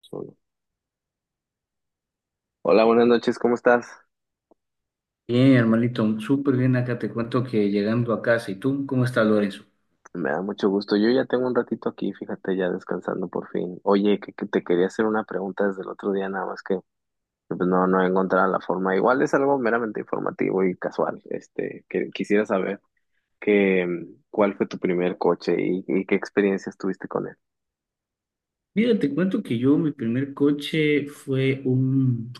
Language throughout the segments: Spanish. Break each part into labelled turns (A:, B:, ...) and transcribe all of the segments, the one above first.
A: Solo. Hola, buenas noches, ¿cómo estás?
B: Bien, hermanito, súper bien acá. Te cuento que llegando a casa. ¿Y tú cómo estás, Lorenzo?
A: Me da mucho gusto. Yo ya tengo un ratito aquí, fíjate, ya descansando por fin. Oye, que te quería hacer una pregunta desde el otro día, nada más que, pues, no he encontrado la forma. Igual es algo meramente informativo y casual. Este, que quisiera saber que cuál fue tu primer coche y qué experiencias tuviste con él.
B: Mira, te cuento que yo, mi primer coche fue un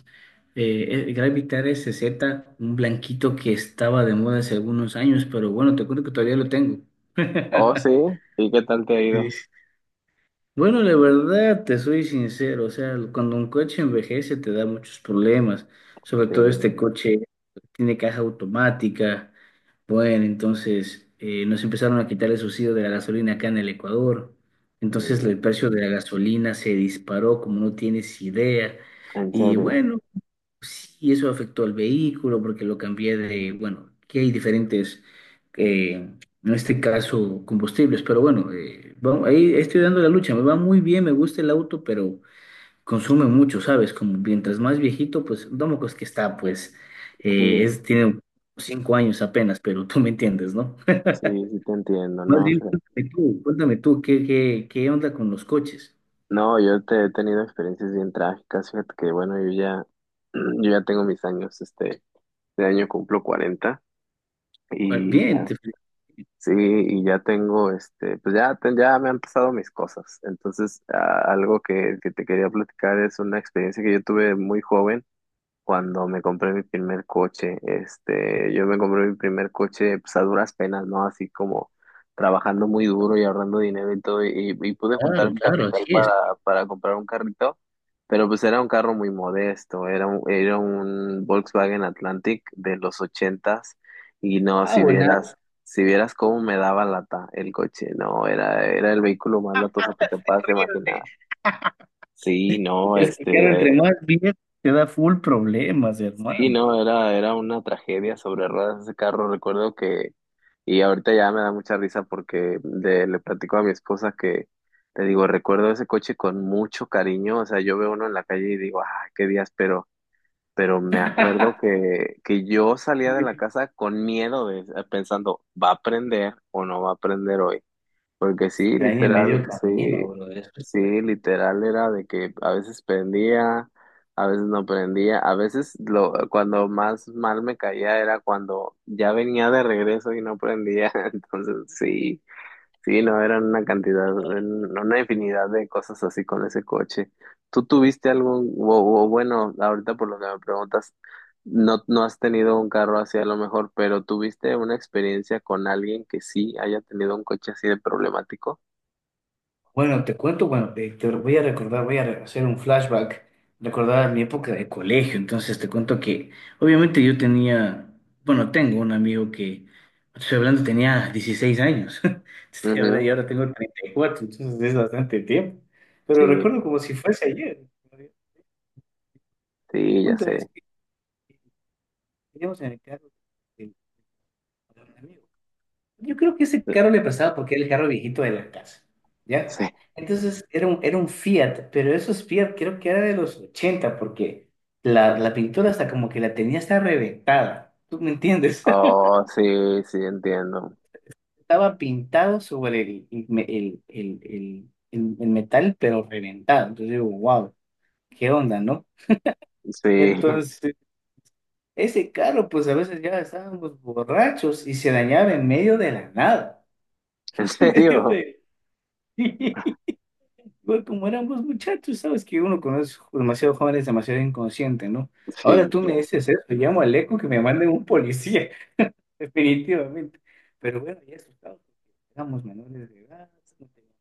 B: Gravitar SZ, un blanquito que estaba de moda hace algunos años, pero bueno, te cuento que todavía lo tengo.
A: Oh, sí, ¿y qué tal te ha
B: Sí.
A: ido?
B: Bueno, la verdad, te soy sincero, o sea, cuando un coche envejece te da muchos problemas, sobre
A: Sí,
B: todo este coche tiene caja automática, bueno, entonces nos empezaron a quitar el subsidio de la gasolina acá en el Ecuador, entonces
A: mm,
B: el precio de la gasolina se disparó como no tienes idea,
A: en
B: y
A: serio.
B: bueno, sí, eso afectó al vehículo porque lo cambié de, bueno, que hay diferentes, eh, en este caso, combustibles, pero bueno, vamos, ahí estoy dando la lucha, me va muy bien, me gusta el auto, pero consume mucho, ¿sabes? Como mientras más viejito, pues, Domocos que está, pues,
A: Sí,
B: tiene 5 años apenas, pero tú me entiendes, ¿no?
A: sí, sí te entiendo,
B: Más
A: ¿no?
B: bien, cuéntame tú, ¿qué onda con los coches?
A: No, yo te he tenido experiencias bien trágicas, fíjate que bueno, yo ya, yo ya tengo mis años, este, de año cumplo 40
B: Pues,
A: y
B: bien,
A: ya,
B: te felicito.
A: sí, y ya tengo, este, pues ya, ya me han pasado mis cosas. Entonces, algo que te quería platicar es una experiencia que yo tuve muy joven cuando me compré mi primer coche. Este, yo me compré mi primer coche, pues a duras penas, ¿no? Así como trabajando muy duro y ahorrando dinero y todo, y pude juntar
B: Claro,
A: mi
B: claro,
A: capital
B: así es.
A: para comprar un carrito. Pero pues era un carro muy modesto, era un Volkswagen Atlantic de los 80 y no,
B: Ah,
A: si
B: buena,
A: vieras, si vieras cómo me daba lata el coche, no, era, era el vehículo más latoso que te puedas imaginar.
B: terrible.
A: Sí, no,
B: Es que,
A: este,
B: claro, entre más bien te da full problemas,
A: sí,
B: hermano.
A: no, era, era una tragedia sobre ruedas ese carro, recuerdo que, y ahorita ya me da mucha risa porque le platico a mi esposa que, te digo, recuerdo ese coche con mucho cariño, o sea, yo veo uno en la calle y digo, ah, qué días, pero me acuerdo que yo salía de la casa con miedo, pensando, ¿va a aprender o no va a aprender hoy? Porque
B: Se
A: sí,
B: te daña en medio
A: literal, sí,
B: camino, brother.
A: sí, literal era de que a veces prendía, a veces no prendía, a veces lo, cuando más mal me caía era cuando ya venía de regreso y no prendía, entonces sí. Sí, no, eran una cantidad, una infinidad de cosas así con ese coche. ¿Tú tuviste algún, o bueno, ahorita por lo que me preguntas, no, no has tenido un carro así a lo mejor, pero tuviste una experiencia con alguien que sí haya tenido un coche así de problemático?
B: Bueno, te cuento, bueno, te voy a recordar, voy a hacer un flashback, recordar mi época de colegio. Entonces te cuento que, obviamente yo tenía, bueno, tengo un amigo que, estoy hablando, tenía 16 años. Estoy hablando y
A: Ujú,
B: ahora tengo 34 entonces es bastante tiempo. Pero
A: sí,
B: recuerdo como si fuese ayer. El
A: sí, ya
B: punto es
A: sé.
B: que teníamos en el carro el- yo creo que ese carro le prestaba porque era el carro viejito de la casa,
A: Sí.
B: ¿ya? Entonces era un Fiat, pero esos Fiat creo que era de los 80 porque la pintura hasta como que la tenía hasta reventada, ¿tú me entiendes?
A: Oh, sí, sí, entiendo.
B: Estaba pintado sobre el, me- el metal, pero reventado. Entonces digo, wow, ¿qué onda, no?
A: Sí,
B: Entonces, ese carro, pues a veces ya estábamos borrachos y se dañaba en medio de la nada,
A: en
B: en medio
A: serio.
B: de... Bueno, como éramos muchachos, sabes que uno conoce demasiado jóvenes, demasiado inconsciente, ¿no? Ahora
A: Sí,
B: tú me
A: claro.
B: dices eso, llamo al eco que me manden un policía. Definitivamente. Pero bueno, ya asustados, porque éramos menores de edad, no teníamos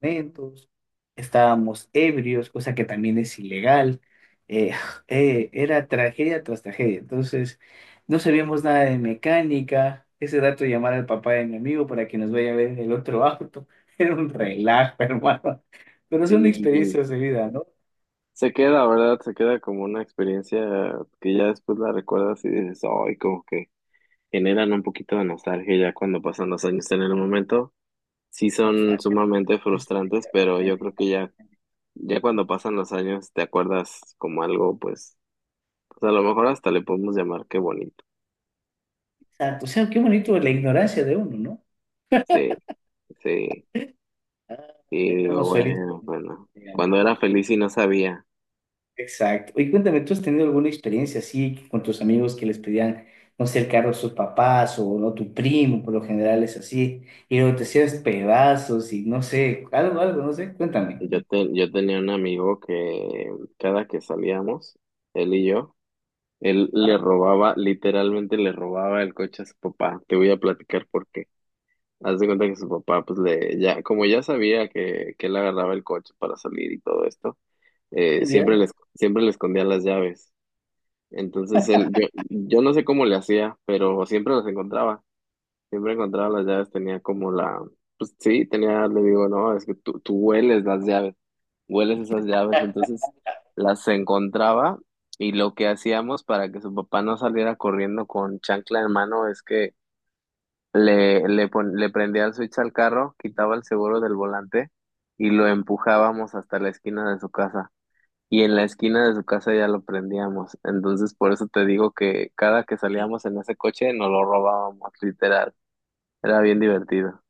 B: documentos, estábamos ebrios, cosa que también es ilegal. Eh, era tragedia tras tragedia. Entonces, no sabíamos nada de mecánica. Ese dato llamar al papá de mi amigo para que nos vaya a ver el otro auto. Era un relajo, hermano. Pero son
A: Sí,
B: experiencias de vida, ¿no?
A: se queda, ¿verdad? Se queda como una experiencia que ya después la recuerdas y dices, ay, como que generan un poquito de nostalgia ya cuando pasan los años en el momento. Sí
B: Nos
A: son
B: sacan
A: sumamente
B: de su-
A: frustrantes, pero yo
B: aprender.
A: creo que ya, ya cuando pasan los años te acuerdas como algo, pues, pues a lo mejor hasta le podemos llamar qué bonito.
B: Exacto. O sea, qué bonito la ignorancia de uno, ¿no?
A: Sí, sí,
B: Ah,
A: y digo,
B: éramos suelitos.
A: bueno, bueno, cuando era feliz y no sabía,
B: Exacto. Oye, cuéntame, ¿tú has tenido alguna experiencia así que con tus amigos que les pedían, no sé, el carro a sus papás o no tu primo, por lo general es así, y luego te hacías pedazos y no sé, algo, algo, no sé, cuéntame.
A: yo, yo tenía un amigo que cada que salíamos, él y yo, él
B: Ah,
A: le robaba, literalmente le robaba el coche a su papá. Te voy a platicar por qué. Haz de cuenta que su papá, pues le, ya, como ya sabía que él agarraba el coche para salir y todo esto, siempre le,
B: ¿ya?
A: siempre le escondía las llaves. Entonces él, yo no sé cómo le hacía, pero siempre las encontraba. Siempre encontraba las llaves, tenía como la, pues sí, tenía, le digo, no, es que tú hueles las llaves, hueles esas llaves, entonces las encontraba y lo que hacíamos para que su papá no saliera corriendo con chancla en mano es que le prendía el switch al carro, quitaba el seguro del volante y lo empujábamos hasta la esquina de su casa. Y en la esquina de su casa ya lo prendíamos. Entonces, por eso te digo que cada que salíamos en ese coche nos lo robábamos, literal. Era bien divertido.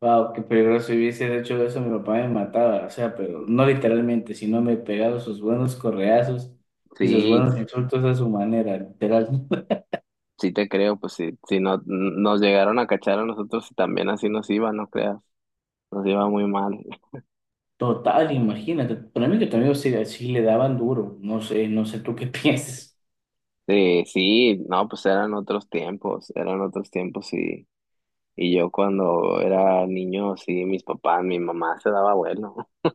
B: Wow, qué peligroso. Si hubiese hecho eso, mi papá me mataba. O sea, pero no literalmente, sino me pegaba sus buenos correazos y sus
A: Sí,
B: buenos
A: sí,
B: insultos a su manera, literal.
A: sí te creo, pues sí, si no, nos llegaron a cachar a nosotros y también así nos iba, no creas, nos iba muy mal.
B: Total, imagínate. Para mí que también sí, sí le daban duro. No sé, no sé tú qué piensas.
A: Sí, sí, no, pues eran otros tiempos y yo cuando era niño, sí, mis papás, mi mamá se daba vuelo.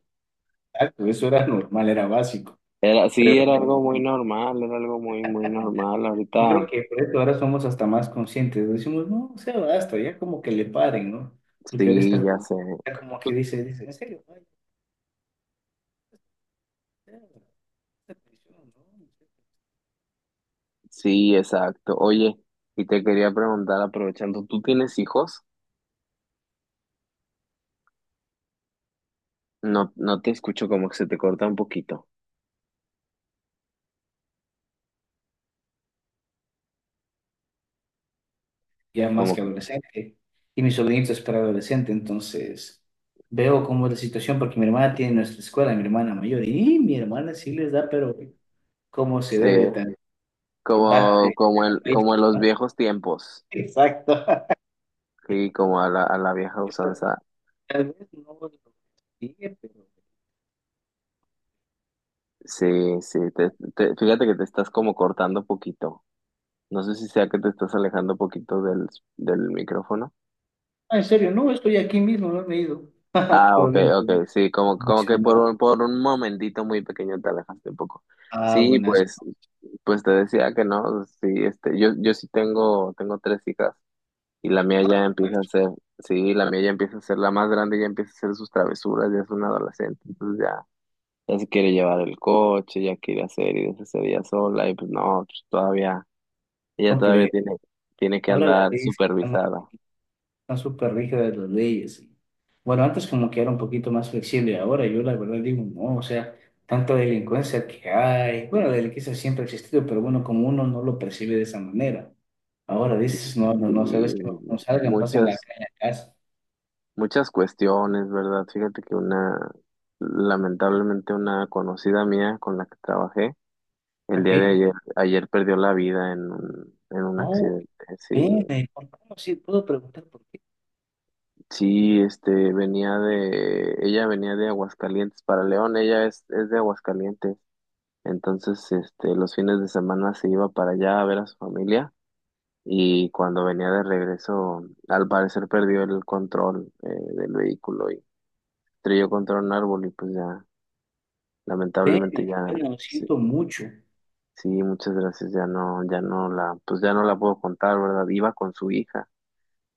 B: Exacto, eso era normal, era básico.
A: Era, sí,
B: Pero
A: era
B: mira,
A: algo muy normal, era algo muy, muy normal.
B: yo
A: Ahorita,
B: creo que por eso ahora somos hasta más conscientes. Decimos, no, o sea, basta, ya como que le paren, ¿no? Porque ahora
A: sí, ya sé.
B: está como que
A: Tú-
B: dice, en serio, ay, ya, esta prisión, ¿no?
A: sí, exacto. Oye, y te quería preguntar, aprovechando, ¿tú tienes hijos? No, no te escucho como que se te corta un poquito.
B: Ya más
A: Como
B: que
A: que-
B: adolescente. Y mi sobrinito es adolescente, entonces veo cómo es la situación, porque mi hermana tiene nuestra escuela, mi hermana mayor, y mi hermana sí les da, pero cómo se debe
A: sí,
B: también. Basta,
A: como, como en, como en los
B: ¿no?
A: viejos tiempos.
B: Exacto.
A: Sí, como a la vieja
B: O sea,
A: usanza.
B: tal vez no lo sigue, pero...
A: Sí, sí, fíjate que te estás como cortando poquito. No sé si sea que te estás alejando poquito del micrófono.
B: Ah, en serio, no, estoy aquí mismo, no me he ido.
A: Ah,
B: Pero
A: ok,
B: bien, pues,
A: ok, sí, como,
B: no
A: como que
B: mencionar.
A: por un momentito muy pequeño te alejaste un poco.
B: Ah,
A: Sí,
B: buenas.
A: pues, pues te decía que no, sí, este, yo sí tengo, tengo tres hijas. Y la mía
B: Ah,
A: ya empieza a
B: buenas.
A: ser, sí, la mía ya empieza a ser la más grande, ya empieza a hacer sus travesuras, ya es una adolescente, entonces ya, ya se quiere llevar el coche, ya quiere hacer y deshacer ella sola, y pues no, pues todavía, ella todavía
B: Completo.
A: tiene, tiene que
B: Ahora la
A: andar
B: ley se llama
A: supervisada.
B: están súper rígidas las leyes. Bueno, antes como que era un poquito más flexible, ahora yo la verdad digo, no, o sea, tanta delincuencia que hay, bueno, la delincuencia siempre ha existido, pero bueno, como uno no lo percibe de esa manera, ahora
A: Y,
B: dices, no, no, no, sabes
A: y
B: que no salgan, pasen la
A: muchas,
B: calle a casa,
A: muchas cuestiones, ¿verdad? Fíjate que una, lamentablemente una conocida mía con la que trabajé, el día de
B: ¿ok?
A: ayer, ayer perdió la vida en un
B: Oh,
A: accidente, sí.
B: pene, ¿por qué no? Sí, puedo preguntar por qué,
A: Sí, este, ella venía de Aguascalientes para León, ella es de Aguascalientes, entonces, este, los fines de semana se iba para allá a ver a su familia y cuando venía de regreso, al parecer perdió el control del vehículo y estrelló contra un árbol y pues ya, lamentablemente
B: pene,
A: ya,
B: pene, lo
A: sí,
B: siento mucho,
A: sí, muchas gracias, ya no, ya no la, pues ya no la puedo contar, ¿verdad? Iba con su hija,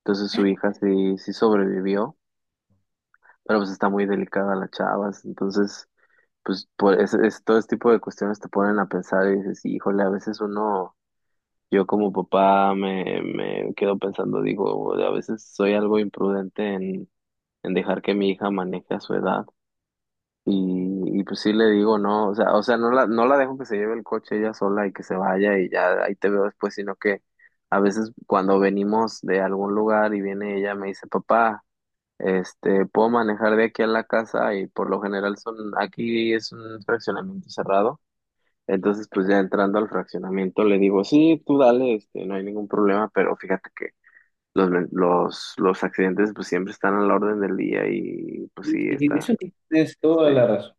A: entonces su hija sí, sí sobrevivió, pero pues está muy delicada la chava, entonces pues por todo este tipo de cuestiones te ponen a pensar y dices, híjole, a veces uno, yo como papá me quedo pensando, digo, a veces soy algo imprudente en dejar que mi hija maneje a su edad. Y pues sí le digo, no, o sea, no la dejo que se lleve el coche ella sola y que se vaya y ya ahí te veo después, sino que a veces cuando venimos de algún lugar y viene ella, me dice, papá, este, puedo manejar de aquí a la casa y por lo general son, aquí es un fraccionamiento cerrado. Entonces, pues ya entrando al fraccionamiento, le digo, sí, tú dale, este, no hay ningún problema, pero fíjate que los accidentes pues siempre están a la orden del día y pues
B: y,
A: sí,
B: y
A: está,
B: eso tienes toda
A: este,
B: la razón,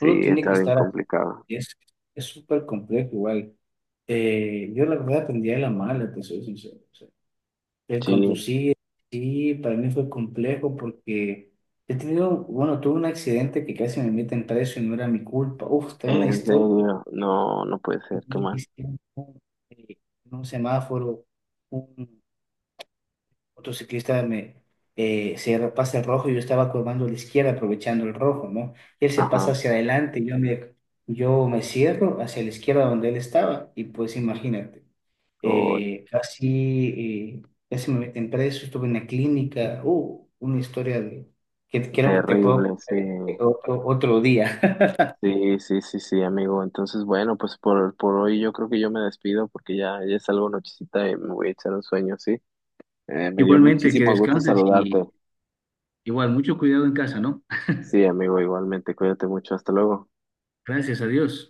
B: uno tiene que
A: está bien
B: estar
A: complicado.
B: Es, es súper complejo igual. Yo la verdad aprendí a la mala, te soy sincero. O sea, el
A: Sí,
B: conducir, sí, para mí fue complejo porque he tenido, bueno, tuve un accidente que casi me meten preso y no era mi culpa. Uf, tengo una
A: en
B: historia.
A: serio, no, no puede
B: Que
A: ser, qué
B: me
A: mal.
B: hicieron, eh, en un semáforo, otro ciclista me, se pasa el rojo y yo estaba curvando a la izquierda aprovechando el rojo, ¿no? Él se pasa
A: Ajá,
B: hacia adelante, yo me cierro hacia la izquierda donde él estaba y pues imagínate,
A: hoy,
B: eh, casi, eh, casi me meten preso, estuve en la clínica, una historia de, que creo que te puedo
A: terrible, sí.
B: contar otro día.
A: Sí, sí, sí, sí, amigo. Entonces, bueno, pues por hoy yo creo que yo me despido porque ya, ya es algo nochecita y me voy a echar un sueño, ¿sí? Me dio
B: Igualmente, que
A: muchísimo gusto
B: descanses
A: saludarte.
B: y igual, mucho cuidado en casa, ¿no?
A: Sí, amigo, igualmente, cuídate mucho, hasta luego.
B: Gracias a Dios.